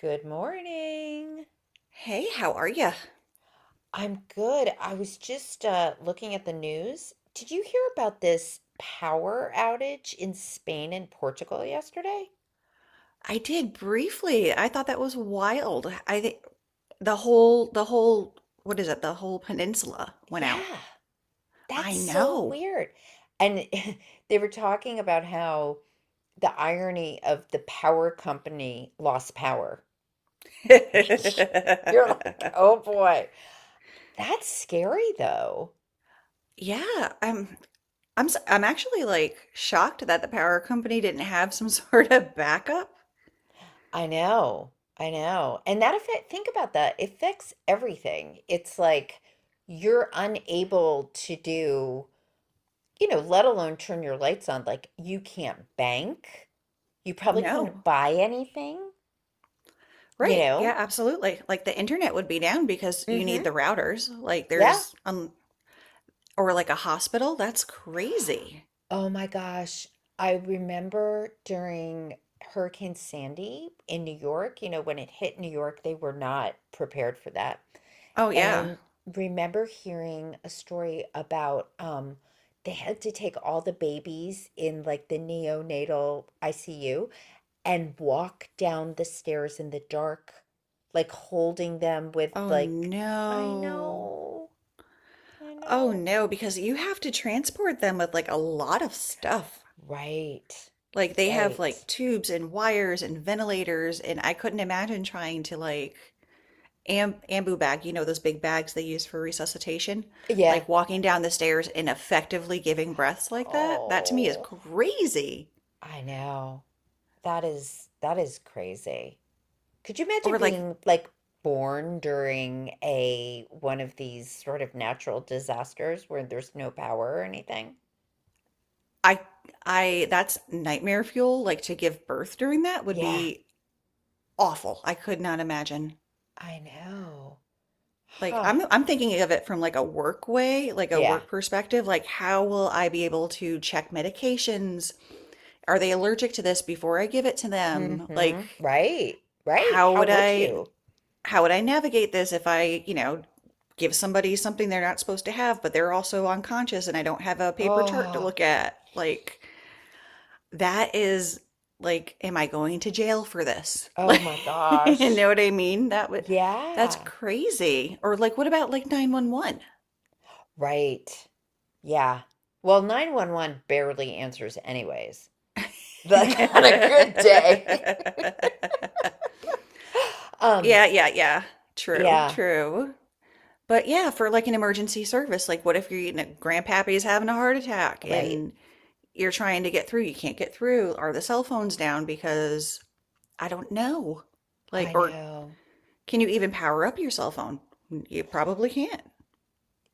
Good morning. Hey, how are you? I'm good. I was just looking at the news. Did you hear about this power outage in Spain and Portugal yesterday? I did briefly. I thought that was wild. I think the whole what is it? The whole peninsula went out. Yeah, that's I so know. weird. And they were talking about how the irony of the power company lost power. You're like, oh boy, that's scary though. Yeah, I'm actually like shocked that the power company didn't have some sort of backup. I know. I know. And that affect think about that. It affects everything. It's like you're unable to do, you know, let alone turn your lights on. Like you can't bank. You probably couldn't No. buy anything, you Right. know? Yeah, absolutely. Like the internet would be down because you need Mm-hmm. the routers. Like Yeah. there's Or like a hospital. That's crazy. Oh my gosh. I remember during Hurricane Sandy in New York, you know, when it hit New York, they were not prepared for that. Oh And yeah. Remember hearing a story about they had to take all the babies in like the neonatal ICU and walk down the stairs in the dark, like holding them with Oh like, I no. know, I Oh know. no, because you have to transport them with like a lot of stuff. Right, Like they have right. like tubes and wires and ventilators, and I couldn't imagine trying to like am ambu bag, you know, those big bags they use for resuscitation, like Yeah, walking down the stairs and effectively giving breaths like that. That to me is oh, crazy. I know. That is crazy. Could you imagine Or like being like born during a one of these sort of natural disasters where there's no power or anything? I I that's nightmare fuel, like to give birth during that would Yeah, be awful. I could not imagine. I know. Like Huh. I'm thinking of it from like a work way, like a Yeah. work perspective, like how will I be able to check medications? Are they allergic to this before I give it to them? Like Hmm. Right. Right. how How would would I you? how would I navigate this if I, you know, give somebody something they're not supposed to have, but they're also unconscious and I don't have a paper chart to Oh, look at? Like that is like am I going to jail for this? oh Like my you gosh. know what I mean? That would that's Yeah. crazy. Or like what about like 911? Right. Yeah. Well, 911 barely answers anyways. Like on a good day. Um, Yeah, yeah, yeah. True, yeah, true. But yeah, for like an emergency service, like what if you're eating a grandpappy's having a heart attack right. and you're trying to get through, you can't get through. Are the cell phones down? Because I don't know. Like, I or know. can you even power up your cell phone? You probably can't.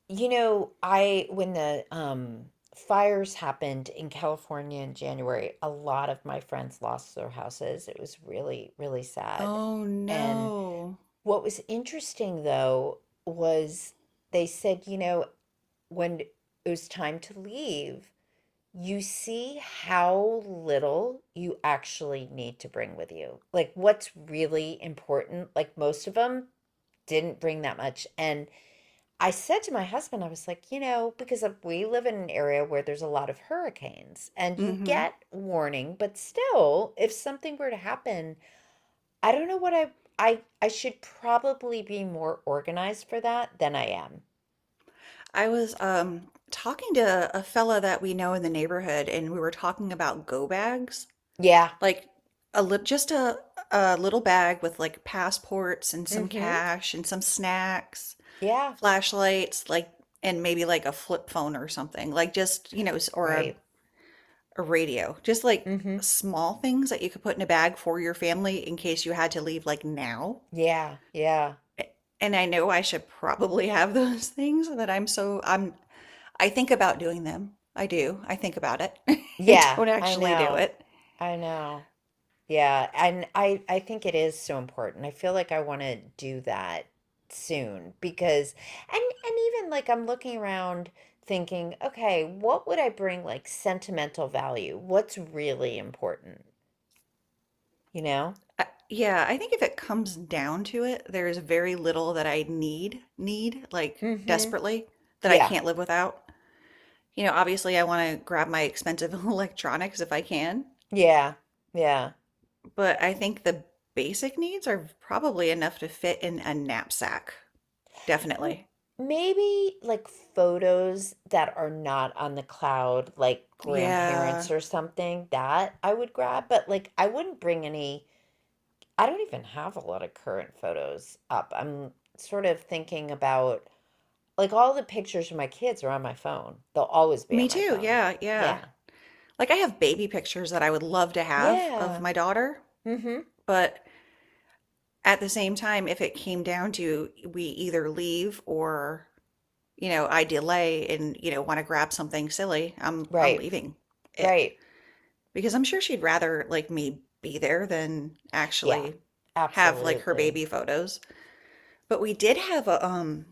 You know, I when the fires happened in California in January, a lot of my friends lost their houses. It was really, really sad. Oh And no. what was interesting though was they said, you know, when it was time to leave, you see how little you actually need to bring with you. Like what's really important, like most of them didn't bring that much. And I said to my husband, I was like, you know, because we live in an area where there's a lot of hurricanes and you Mm-hmm. get warning, but still, if something were to happen, I don't know what I should probably be more organized for that than I am. I was talking to a fella that we know in the neighborhood and we were talking about go bags. Yeah. Like a lit just a a little bag with like passports and some Mm-hmm. cash and some snacks, Yeah. flashlights, like and maybe like a flip phone or something. Like just, you know, or Right. a radio. Just like Mm-hmm. small things that you could put in a bag for your family in case you had to leave like now. Yeah. Yeah. A- And I know I should probably have those things that I'm so I'm I think about doing them. I do. I think about it. I Yeah, don't I actually do know. it. I know. Yeah, and I think it is so important. I feel like I want to do that soon because and even like I'm looking around thinking, okay, what would I bring like sentimental value, What's really important, you know? Uh, yeah, I think if it comes down to it, there is very little that I need need, like, Mm-hmm. desperately, that I Yeah. can't live without. You know, obviously, I wanna grab my expensive electronics if I can, Yeah. Yeah. but I think the basic needs are probably enough to fit in a knapsack. M Definitely. Maybe, like, photos that are not on the cloud, like Yeah. grandparents or something, that I would grab, but, like, I wouldn't bring any. I don't even have a lot of current photos up. I'm sort of thinking about like, all the pictures of my kids are on my phone. They'll always be Me on my too, phone. yeah, yeah. Yeah. Like, I have baby pictures that I would love to have of Yeah. my daughter, Mhm. but at the same time, if it came down to we either leave or you know, I delay and, you know, wanna grab something silly, I'm Right. leaving it. Right. Because I'm sure she'd rather, like, me be there than Yeah. actually have, like, her Absolutely. baby photos. But we did have a,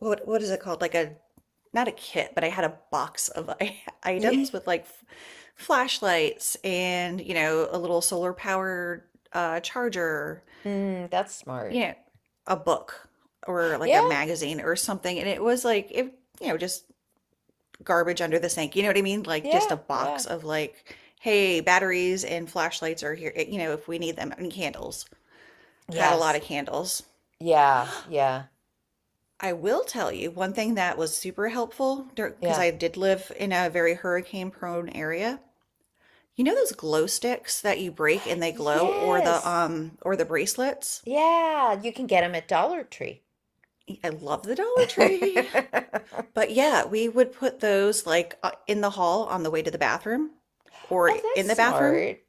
what is it called? Like a not a kit, but I had a box of I Yeah. items with, like, f flashlights and, you know, a little solar powered, charger, Mm, that's you smart. know, a book or, like, Yeah. a magazine or something, and it was, like, it you know, just garbage under the sink. You know what I mean? Like just a Yeah. Yeah. box of like, hey, batteries and flashlights are here, eh, you know, if we need them, and candles. Had a lot Yes. of candles. Yeah, yeah, I will tell you one thing that was super helpful because yeah. I did live in a very hurricane prone area. You know those glow sticks that you break and they glow Yes. Or the bracelets? Yeah, you can get them at Dollar Tree. I love the Dollar Tree. But yeah, we would put those like in the hall on the way to the bathroom or Oh, that's in the bathroom smart.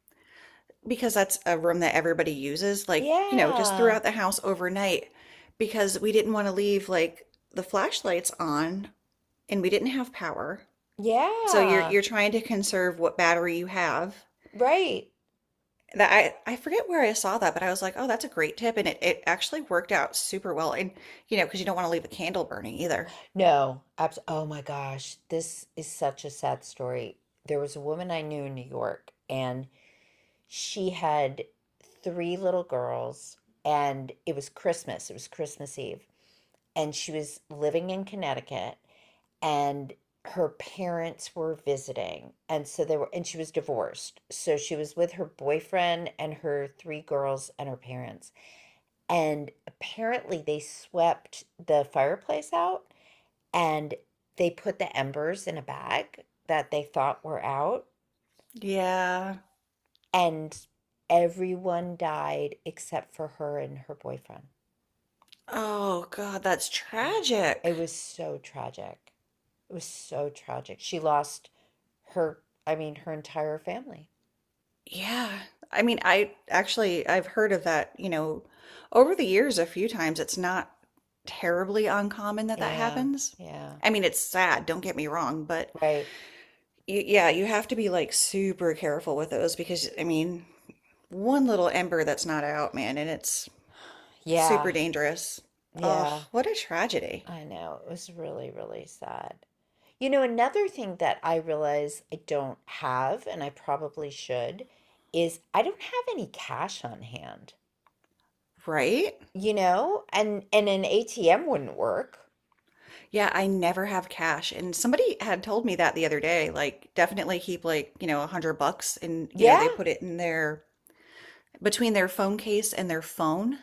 because that's a room that everybody uses, like, you know, just Yeah. throughout the house overnight because we didn't want to leave like the flashlights on and we didn't have power. So you're Yeah. you're trying to conserve what battery you have. Right. That I forget where I saw that, but I was like, "Oh, that's a great tip." And it actually worked out super well. And you know, because you don't want to leave a candle burning either. No. Abs Oh my gosh. This is such a sad story. There was a woman I knew in New York, and she had three little girls, and it was Christmas. It was Christmas Eve. And she was living in Connecticut. And her parents were visiting and so they were and she was divorced, so she was with her boyfriend and her three girls and her parents, and apparently they swept the fireplace out and they put the embers in a bag that they thought were out, Yeah. and everyone died except for her and her boyfriend. Oh God, that's And tragic. it was so tragic it was so tragic, she lost her, I mean, her entire family. Yeah. I mean, I've heard of that, you know, over the years a few times. It's not terribly uncommon that that Yeah, happens. yeah, I mean, it's sad, don't get me wrong, but right. y yeah, you have to be like super careful with those because I mean, one little ember that's not out, man, and it's Yeah, super dangerous. Oh, yeah, what a tragedy. I know. It was really, really sad. You know, another thing that I realize I don't have, and I probably should, is I don't have any cash on hand. Right? You know, and an ATM wouldn't work. Yeah, I never have cash. And somebody had told me that the other day, like definitely keep like, you know, 100 bucks and, you know, Yeah. they put it in their between their phone case and their phone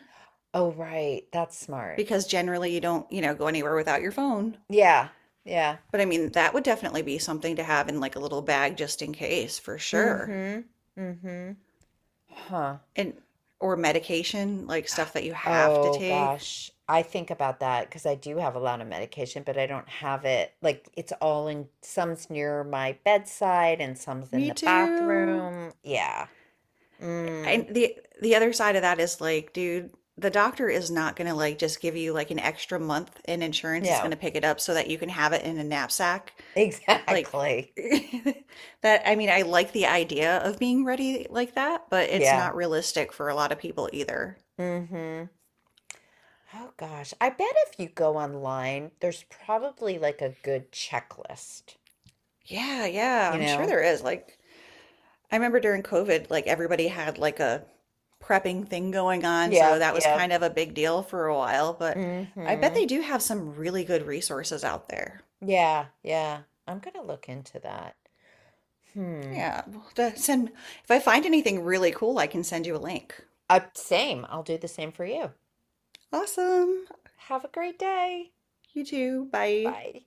Oh, right. That's smart. because generally you don't, you know, go anywhere without your phone. Yeah. Yeah. But I mean, that would definitely be something to have in like a little bag just in case, for sure. Mm-hmm. Mm-hmm. Huh. And or medication, like stuff that you have to Oh take. gosh, I think about that because I do have a lot of medication, but I don't have it like it's all in some's near my bedside and some's in Me the too. bathroom. Yeah. Mm, And the other side of that is like, dude, the doctor is not going to like just give you like an extra month and insurance is going no, to pick it up so that you can have it in a knapsack like exactly. that I mean, I like the idea of being ready like that, but it's Yeah. not realistic for a lot of people either. Mm-hmm. Oh gosh, I bet if you go online, there's probably like a good checklist, Yeah, yeah, you I'm sure know? there is. Like I remember during COVID, like everybody had like a prepping thing going on, so Yeah, that was yeah. kind of a big deal for a while, but I bet Mm-hmm. they do have some really good resources out there. Yeah, yeah. I'm gonna look into that. Hmm. Yeah, we'll have to send if I find anything really cool, I can send you a link. Same. I'll do the same for you. Awesome. Have a great day. You too. Bye. Bye.